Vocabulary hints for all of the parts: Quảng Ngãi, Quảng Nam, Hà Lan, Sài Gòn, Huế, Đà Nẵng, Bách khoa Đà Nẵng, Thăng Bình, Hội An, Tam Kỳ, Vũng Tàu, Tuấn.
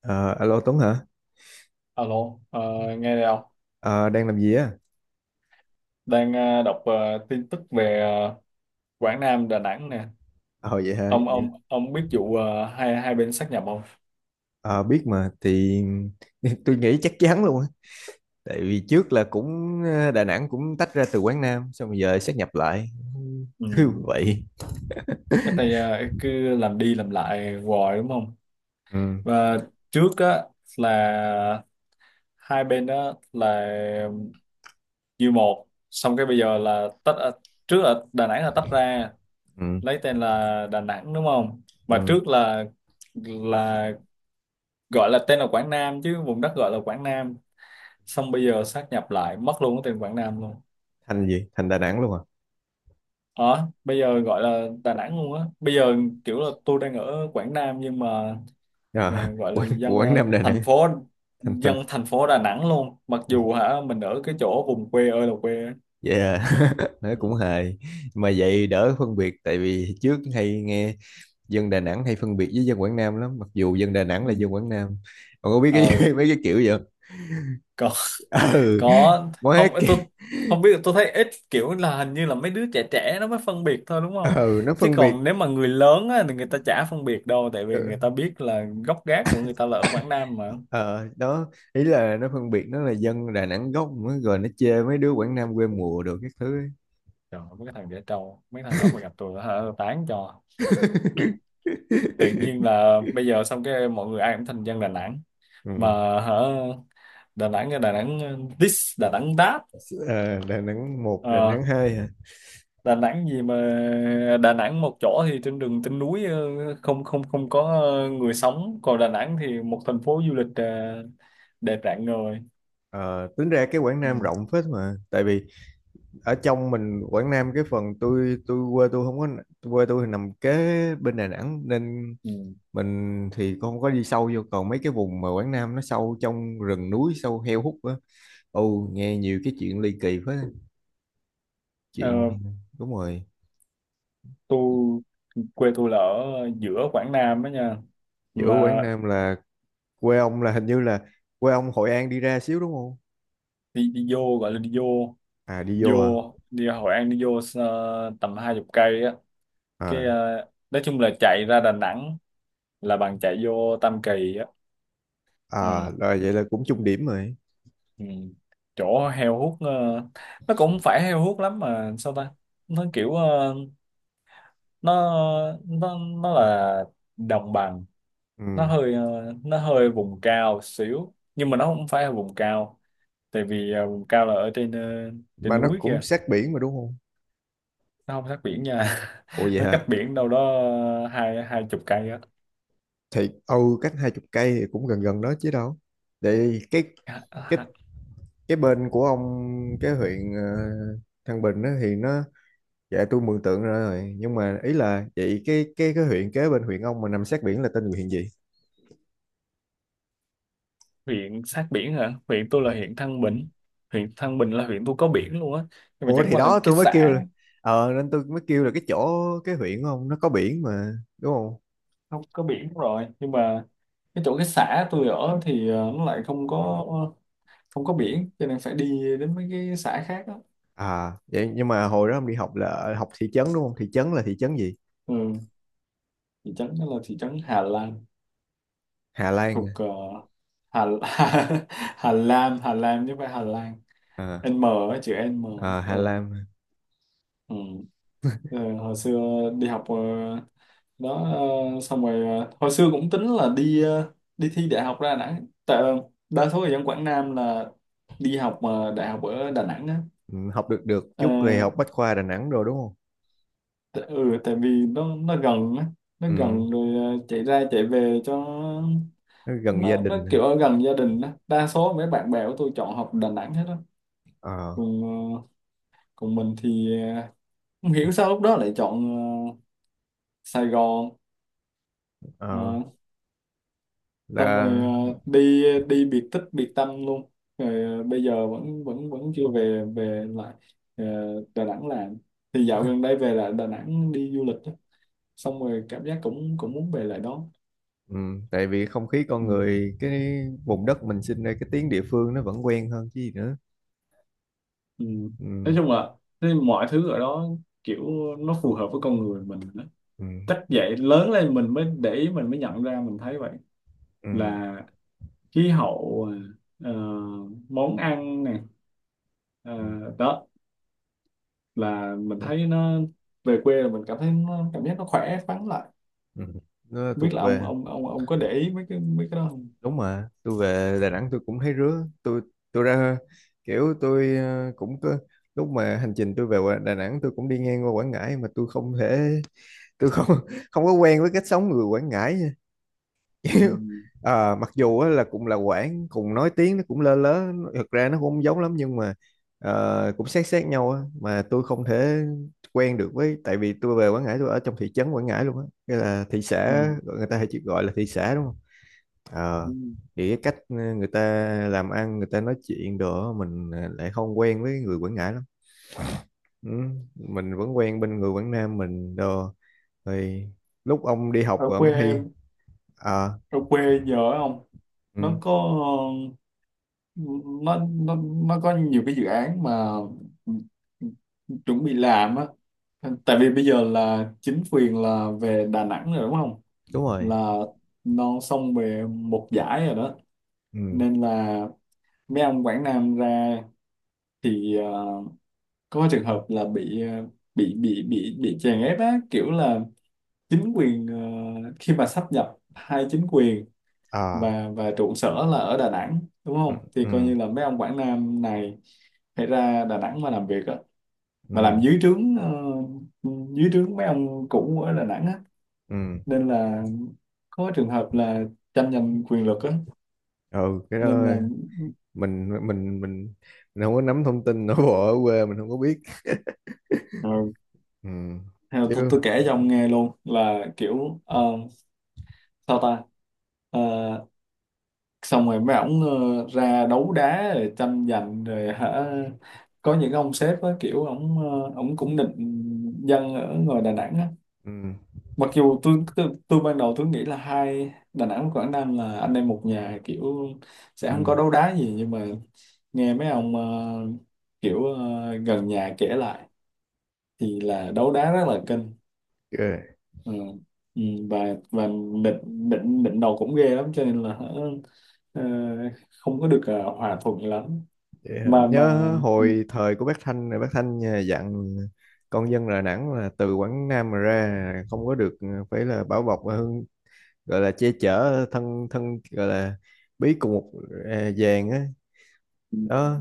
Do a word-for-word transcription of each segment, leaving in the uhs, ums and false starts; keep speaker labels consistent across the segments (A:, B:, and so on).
A: Ờ, alo Tuấn hả?
B: Alo, ờ, nghe đây không?
A: Ờ, đang làm gì á?
B: Đang ờ, đọc ờ, tin tức về ờ, Quảng Nam, Đà Nẵng nè.
A: Ờ vậy hả?
B: Ông ông ông biết vụ ờ, hai hai bên sát nhập không?
A: Ờ, biết mà thì tôi nghĩ chắc chắn luôn á. Tại vì trước là cũng ờ, Đà Nẵng cũng tách ra từ Quảng Nam xong rồi giờ sáp nhập lại.
B: Ừ.
A: Cứ
B: Ừ.
A: vậy.
B: Cái tay ờ, cứ làm đi làm lại hoài đúng không?
A: Ừ,
B: Và trước á là hai bên đó là như một, xong cái bây giờ là tách, ờ, trước là Đà Nẵng là tách ra,
A: ừ,
B: lấy tên là Đà Nẵng đúng không? Mà
A: ừ.
B: trước là là gọi là tên là Quảng Nam, chứ vùng đất gọi là Quảng Nam. Xong bây giờ sát nhập lại mất luôn cái tên Quảng Nam luôn.
A: Thành gì? Thành Đà Nẵng luôn à?
B: ờ Bây giờ gọi là Đà Nẵng luôn á bây giờ, kiểu là tôi đang ở Quảng Nam nhưng mà
A: Ờ,
B: ờ, gọi là
A: Quảng,
B: dân
A: Quảng
B: ờ,
A: Nam Đà Nẵng.
B: thành phố
A: Thành thành.
B: dân thành phố Đà Nẵng luôn, mặc dù hả mình ở cái chỗ vùng quê ơi là quê á.
A: Vậy à? Nói cũng
B: Ừ.
A: hài. Mà vậy đỡ phân biệt tại vì trước hay nghe dân Đà Nẵng hay phân biệt với dân Quảng Nam lắm, mặc dù dân Đà Nẵng là
B: Ừ.
A: dân Quảng Nam. Ông có biết
B: ờ
A: cái mấy cái kiểu vậy?
B: có.
A: Ừ.
B: Có.
A: Quá
B: Không,
A: kì,
B: tôi không biết. Tôi thấy ít, kiểu là hình như là mấy đứa trẻ trẻ nó mới phân biệt thôi đúng không?
A: ừ nó
B: Chứ
A: phân biệt.
B: còn nếu mà người lớn á, thì người ta chả phân biệt đâu, tại vì người
A: Ừ,
B: ta biết là gốc gác của người ta là ở Quảng Nam mà.
A: ờ đó ý là nó phân biệt nó là dân Đà Nẵng gốc mới rồi nó chê mấy đứa Quảng Nam quê mùa đồ các thứ ấy.
B: Trời, mấy cái thằng dễ trâu, mấy thằng đó mà gặp tôi hả, tôi tán cho. Tự nhiên là bây giờ xong cái mọi người ai cũng thành dân Đà Nẵng
A: Ừ.
B: mà hả, Đà Nẵng Đà Nẵng this Đà Nẵng that.
A: À, Đà Nẵng một Đà
B: Ờ,
A: Nẵng hai hả?
B: Đà Nẵng gì mà Đà Nẵng một chỗ thì trên đường trên núi, ờ, không không không có ờ, người sống, còn Đà Nẵng thì một thành phố du lịch ờ, đẹp rạng ngời.
A: Ờ, tính ra cái Quảng
B: Ừ.
A: Nam rộng phết mà tại vì ở trong mình Quảng Nam cái phần tôi tôi quê tôi không có, quê tôi thì nằm kế bên Đà Nẵng nên
B: Ừ.
A: mình thì không có đi sâu vô, còn mấy cái vùng mà Quảng Nam nó sâu trong rừng núi sâu heo hút á. Ồ, nghe nhiều cái chuyện ly kỳ quá.
B: Ờ,
A: Chuyện đúng rồi.
B: tôi quê tôi là ở giữa Quảng Nam đó nha.
A: Giữa
B: Mà
A: Quảng Nam là quê ông là hình như là quê ông Hội An đi ra xíu đúng không?
B: đi đi vô, gọi là đi vô.
A: À đi
B: vô
A: vô à.
B: Đi Hội An đi vô ờ, tầm hai chục cây á. Cái
A: À.
B: ờ, nói chung là chạy ra Đà Nẵng là bằng chạy vô Tam Kỳ á.
A: À
B: Ừ.
A: là vậy là cũng chung điểm rồi.
B: Ừ. Chỗ heo hút, ờ, nó cũng không phải heo hút lắm mà sao ta. Nó kiểu ờ, nó nó nó là đồng bằng. nó
A: Ừ,
B: hơi ờ, nó hơi vùng cao xíu nhưng mà nó không phải là vùng cao. Tại vì ờ, vùng cao là ở trên, ờ, trên
A: mà nó
B: núi
A: cũng
B: kia.
A: sát biển mà đúng không?
B: Nó không sát biển nha.
A: Ồ vậy
B: Nó cách
A: hả?
B: biển đâu đó ờ, hai hai chục cây á.
A: Thì ừ, cách hai chục cây thì cũng gần gần đó chứ đâu. Để cái
B: À,
A: cái
B: à,
A: cái bên của ông, cái huyện ờ, Thăng Bình đó thì nó, dạ tôi mường tượng ra rồi, nhưng mà ý là vậy, cái cái cái huyện kế bên huyện ông mà nằm sát biển là tên huyện gì?
B: huyện sát biển hả? Huyện tôi là huyện Thăng Bình. Huyện Thăng Bình là huyện tôi có biển luôn á. Nhưng mà
A: Ủa
B: chẳng
A: thì
B: qua là
A: đó tôi
B: cái
A: mới kêu
B: xã
A: là, ờ nên tôi mới kêu là cái chỗ, cái huyện không nó có biển mà đúng không?
B: không có biển rồi. Nhưng mà cái chỗ cái xã tôi ở thì ờ, nó lại không có không có biển. Cho nên phải đi đến mấy cái xã khác á.
A: À vậy nhưng mà hồi đó ông đi học là ở- học thị trấn đúng không, thị trấn là thị trấn gì?
B: Ừ. Thị trấn đó là thị trấn Hà Lan.
A: Hà Lan
B: Thuộc
A: à?
B: ờ, Hà, Hà Lan. Hà Lan chứ không phải Hà Lan.
A: À,
B: N á, chữ N.
A: à Hà
B: Ừ.
A: Lan à.
B: Ừ. Ờ, hồi xưa đi học ờ, đó. Ờ, xong rồi ờ, hồi xưa cũng tính là đi ờ, đi thi đại học ra Đà Nẵng, tại ờ, đa số người dân Quảng Nam là đi học mà đại học ở Đà Nẵng á.
A: Ừ, học được được
B: Ờ,
A: chút thì học Bách khoa Đà Nẵng rồi đúng không?
B: t- ừ, tại vì nó nó gần á, nó
A: Ừ,
B: gần rồi ờ, chạy ra chạy về cho
A: nó gần gia
B: nó nó
A: đình à.
B: kiểu ở gần gia đình á. Đa số mấy bạn bè của tôi chọn học Đà Nẵng hết á.
A: Ờ.
B: còn ờ, Còn mình thì ờ, không hiểu sao lúc đó lại chọn ờ, Sài Gòn. Ờ,
A: Ờ
B: xong rồi
A: là
B: ờ, đi đi biệt tích biệt tâm luôn. Rồi ờ, bây giờ vẫn vẫn vẫn chưa về về lại ờ, Đà Nẵng làm. Thì dạo gần đây về lại Đà Nẵng đi du lịch á. Xong rồi cảm giác cũng cũng muốn về lại đó.
A: ừ, tại vì không khí con
B: Ừ.
A: người, cái vùng đất mình sinh ra, cái tiếng địa phương nó vẫn quen hơn chứ gì nữa.
B: Ừ. Nói
A: Ừ.
B: chung là thế, mọi thứ ở đó kiểu nó phù hợp với con người mình đó.
A: Ừ.
B: Chắc vậy, lớn lên mình mới để ý, mình mới nhận ra, mình thấy vậy.
A: Ừ,
B: Là khí hậu, ờ, món ăn nè. Ờ,
A: ừ.
B: đó là mình thấy nó, về quê là mình cảm thấy nó, cảm giác nó khỏe khoắn lại.
A: Nó nó
B: Không biết
A: thuộc
B: là ông
A: về.
B: ông ông ông có để ý mấy cái mấy cái đó không?
A: Đúng mà tôi về Đà Nẵng tôi cũng thấy rứa, tôi tôi ra, kiểu tôi ờ, cũng có lúc mà hành trình tôi về Quà- Đà Nẵng tôi cũng đi ngang qua Quảng Ngãi mà tôi không thể, tôi không không có quen với cách sống người Quảng Ngãi nha. Kiểu
B: Ừ.
A: à, mặc dù á là cũng là Quảng, cùng nói tiếng nó cũng lơ lớ nó- thực ra nó cũng không giống lắm, nhưng mà ờ, cũng sát sát nhau á mà tôi không thể quen được với, tại vì tôi về Quảng Ngãi tôi ở trong thị trấn Quảng Ngãi luôn á, cái là thị xã,
B: Ừ.
A: người ta hay chỉ gọi là thị xã đúng không?
B: Ừ.
A: Ờ, thì cái cách ờ, người ta làm ăn, người ta nói chuyện đồ á, mình ờ, lại không quen với người Quảng Ngãi lắm. Ừ, mình vẫn quen bên người Quảng Nam mình đồ. Thì lúc ông đi học
B: ở
A: rồi ông
B: quê
A: thi. À,
B: Ở quê giờ á, không? nó
A: ừ,
B: có nó nó nó có nhiều cái dự án mà chuẩn bị làm á. Tại vì bây giờ là chính quyền là về Đà Nẵng rồi đúng không,
A: đúng rồi.
B: là non sông về một giải rồi đó.
A: Ừ,
B: Nên là mấy ông Quảng Nam ra thì ờ, có trường hợp là bị ờ, bị bị bị bị chèn ép á, kiểu là chính quyền ờ, khi mà sáp nhập hai chính quyền
A: à
B: và và trụ sở là ở Đà Nẵng đúng
A: ừ,
B: không, thì
A: ừ,
B: coi như là mấy ông Quảng Nam này phải ra Đà Nẵng mà làm việc á, mà làm
A: ừ,
B: dưới trướng ờ, dưới trướng mấy ông cũ ở Đà Nẵng á.
A: ừ,
B: Nên là có trường hợp là tranh giành quyền lực á.
A: ừ cái
B: Nên
A: đó.
B: là
A: Mình mình mình mình không có nắm thông tin nội bộ ở quê mình không có biết.
B: ờ,
A: Ừ,
B: theo tôi,
A: chứ
B: tôi kể cho ông nghe luôn là kiểu ờ, sao ta. Ờ, xong rồi mấy ổng ờ, ra đấu đá rồi tranh giành rồi hả. Có những ông sếp á, kiểu ổng ờ, ổng cũng định dân ở ngoài Đà Nẵng á.
A: ừ,
B: Mặc dù tôi, tôi tôi ban đầu tôi nghĩ là hai Đà Nẵng và Quảng Nam là anh em một nhà, kiểu sẽ
A: ừ,
B: không có đấu đá gì, nhưng mà nghe mấy ông ờ, kiểu ờ, gần nhà kể lại, thì là đấu đá rất là kênh.
A: ghê.
B: Ừ. Ừ. Và và bệnh bệnh bệnh đầu cũng ghê lắm, cho nên là ờ, không có được ờ, hòa thuận lắm.
A: Vậy hả?
B: mà
A: Nhớ
B: mà
A: hồi thời của bác Thanh là bác Thanh à, dặn con dân Đà Nẵng là từ Quảng Nam mà ra không có được à, phải là bảo bọc và hưng, gọi là che chở thân thân gọi là bí cùng một, à, vàng á,
B: ừ,
A: đó,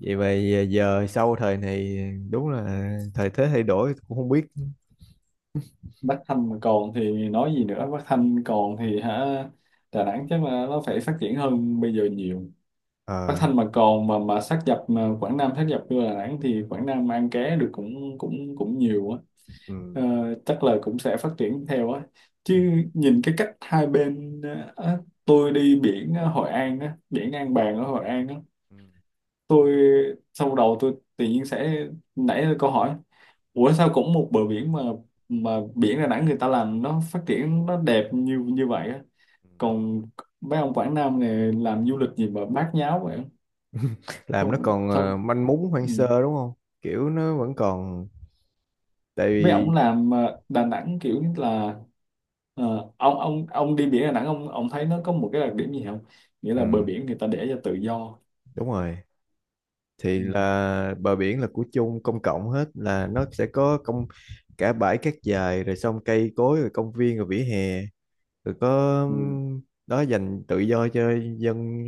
A: vậy mà à, giờ sau thời này đúng là thời thế thay đổi cũng không biết.
B: Bắc Thanh mà còn thì nói gì nữa. Bắc Thanh còn thì hả, Đà Nẵng chắc là nó phải phát triển hơn bây giờ nhiều. Bắc
A: Ờ,
B: Thanh mà còn, mà mà sát nhập, mà Quảng Nam sát nhập vô Đà Nẵng thì Quảng Nam ăn ké được cũng cũng cũng nhiều á. Ờ,
A: ừ,
B: chắc là cũng sẽ phát triển theo á,
A: ừ,
B: chứ nhìn cái cách hai bên ờ, á, tôi đi biển ở Hội An á, biển An Bàng ở Hội An á.
A: ừ.
B: Tôi sau đầu tôi tự nhiên sẽ nảy ra câu hỏi: ủa sao cũng một bờ biển mà, mà biển Đà Nẵng người ta làm nó phát triển nó đẹp như như vậy á, còn mấy ông Quảng Nam này làm du lịch gì mà bát nháo vậy?
A: Làm nó
B: Không,
A: còn ờ,
B: không.
A: manh mún hoang sơ đúng không, kiểu nó vẫn còn, tại
B: Mấy ông
A: vì
B: làm ờ, Đà Nẵng kiểu như là ờ, ông ông ông đi biển Đà Nẵng, ông ông thấy nó có một cái đặc điểm gì không? Nghĩa là bờ
A: ừ,
B: biển người ta để cho tự do.
A: đúng rồi, thì
B: Ừ.
A: là bờ biển là của chung công cộng hết, là nó sẽ có công cả bãi cát dài rồi xong cây cối rồi công viên rồi vỉa hè rồi có
B: Ừ.
A: ừm, đó, dành tự do cho dân,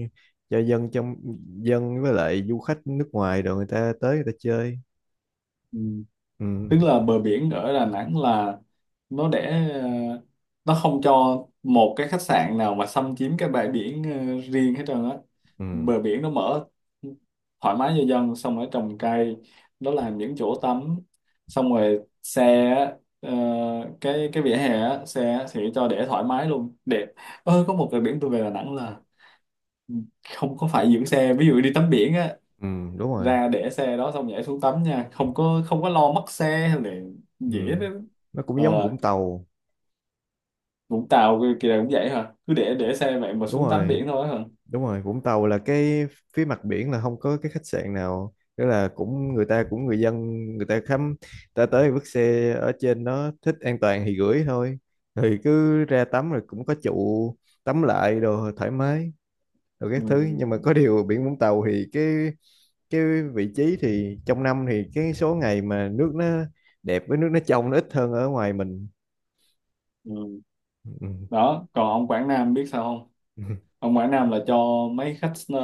A: cho dân trong, dân với lại du khách nước ngoài rồi người ta tới người ta chơi.
B: Ừ.
A: Ừ.
B: Tức là bờ biển ở Đà Nẵng là nó để ờ, nó không cho một cái khách sạn nào mà xâm chiếm cái bãi biển ờ, riêng hết trơn á.
A: Ừ.
B: Bờ biển nó mở thoải mái cho dân, xong rồi trồng cây, nó làm những chỗ tắm. Xong rồi xe á, ờ, cái cái vỉa hè á, xe á thì cho để thoải mái luôn, đẹp. Ơ, có một bờ biển tôi về Đà Nẵng là không có phải giữ xe, ví dụ đi tắm biển á,
A: Ừ đúng rồi.
B: ra để xe đó xong nhảy xuống tắm nha, không có không có lo mất xe hay là
A: Ừ
B: dễ đó.
A: nó cũng
B: ờ
A: giống Vũng Tàu.
B: Vũng Tàu kia kia cũng vậy hả? Cứ để để xe vậy mà
A: Đúng
B: xuống tắm
A: rồi.
B: biển thôi hả?
A: Đúng rồi, Vũng Tàu là cái phía mặt biển là không có cái khách sạn nào, tức là cũng người ta cũng người dân, người ta khám, ta tới vứt xe ở trên đó thích an toàn thì gửi thôi, thì cứ ra tắm rồi cũng có trụ, tắm lại đồ thoải mái rồi các
B: Ừ.
A: thứ, nhưng mà có điều biển Vũng Tàu thì cái cái vị trí thì trong năm thì cái số ngày mà nước nó đẹp với nước nó trong nó ít hơn ở ngoài mình.
B: Ừ.
A: Ừ.
B: Đó còn ông Quảng Nam biết sao không?
A: Ừ.
B: Ông Quảng Nam là cho mấy khách ờ,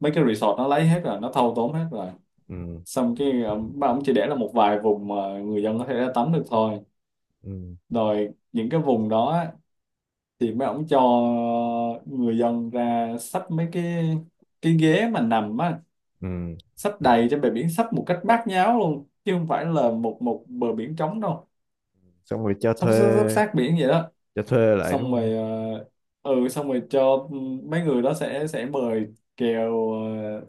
B: mấy cái resort nó lấy hết rồi, nó thâu tóm hết rồi.
A: Ừ.
B: Xong cái ờ, ba ông chỉ để là một vài vùng mà người dân có thể ra tắm được thôi.
A: Ừ.
B: Rồi những cái vùng đó á, thì mấy ông cho người dân ra xách mấy cái cái ghế mà nằm á,
A: Ừ.
B: sắp đầy trên bờ biển, sắp một cách bát nháo luôn, chứ không phải là một một bờ biển trống đâu.
A: Xong rồi cho
B: sắp
A: thuê,
B: sắp, sắp sát biển vậy đó.
A: cho thuê lại đúng
B: Xong rồi
A: không?
B: ờ, ừ, xong rồi cho mấy người đó sẽ sẽ mời kèo ờ,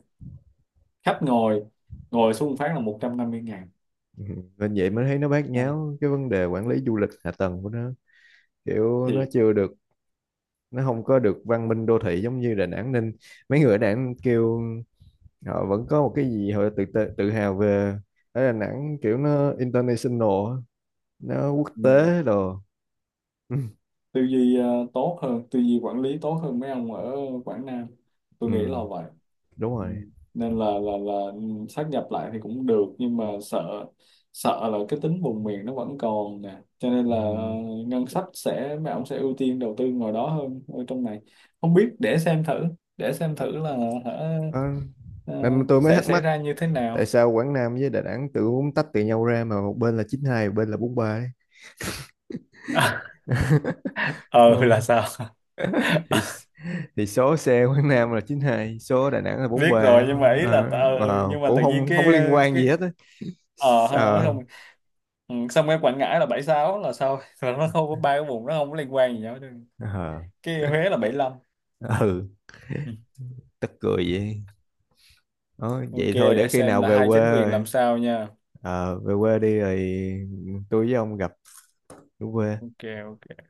B: khách ngồi,
A: Ừ.
B: ngồi xuống phát là một trăm năm mươi ngàn.
A: Ừ, nên vậy mới thấy nó bát
B: À,
A: nháo cái vấn đề quản lý du lịch hạ tầng của nó, kiểu nó
B: thiệt.
A: chưa được, nó không có được văn minh đô thị giống như Đà Nẵng, nên mấy người ở Đà Nẵng kêu, họ vẫn có một cái gì họ tự tự, tự hào về ở Đà Nẵng, kiểu nó international á, nó quốc
B: Ừ.
A: tế đồ. Ừ,
B: Tư duy ờ, tốt hơn, tư duy quản lý tốt hơn mấy ông ở Quảng Nam, tôi
A: ừ,
B: nghĩ là vậy.
A: đúng
B: Ừ.
A: rồi.
B: Nên là là là ừ, sát nhập lại thì cũng được, nhưng mà sợ sợ là cái tính vùng miền nó vẫn còn nè, cho nên
A: Ừ.
B: là ờ, ngân sách sẽ, mấy ông sẽ ưu tiên đầu tư ngoài đó hơn ở trong này. Không biết, để xem thử để xem thử là hả,
A: Đó.
B: ờ,
A: Nên tôi mới
B: sẽ
A: thắc
B: xảy
A: mắc
B: ra như thế
A: tại
B: nào.
A: sao Quảng Nam với Đà Nẵng tự muốn tách từ nhau ra mà một bên là chín hai một bên là bốn ba
B: ờ là
A: ấy.
B: sao?
A: thì thì số xe Quảng Nam là chín hai, số Đà Nẵng là
B: Biết
A: bốn ba.
B: rồi, nhưng mà ý là
A: À,
B: t- ờ,
A: wow,
B: nhưng mà
A: cũng
B: tự nhiên
A: không không
B: cái
A: liên quan gì
B: cái
A: hết á.
B: ờ ha, nó
A: Ờ,
B: không. Ừ. Xong cái Quảng Ngãi là bảy sáu là sao? Là nó không có ba cái vùng, nó không có liên quan gì nhau chứ.
A: ờ,
B: Cái Huế là bảy lăm.
A: ờ, ừ
B: Ừ.
A: tức cười vậy. Đó,
B: OK,
A: vậy thôi để
B: để
A: khi
B: xem
A: nào
B: là
A: về
B: hai
A: quê
B: chính quyền làm
A: rồi.
B: sao nha.
A: Ờ, về quê đi rồi, ừ, tôi với ông gặp ở quê.
B: OK. OK.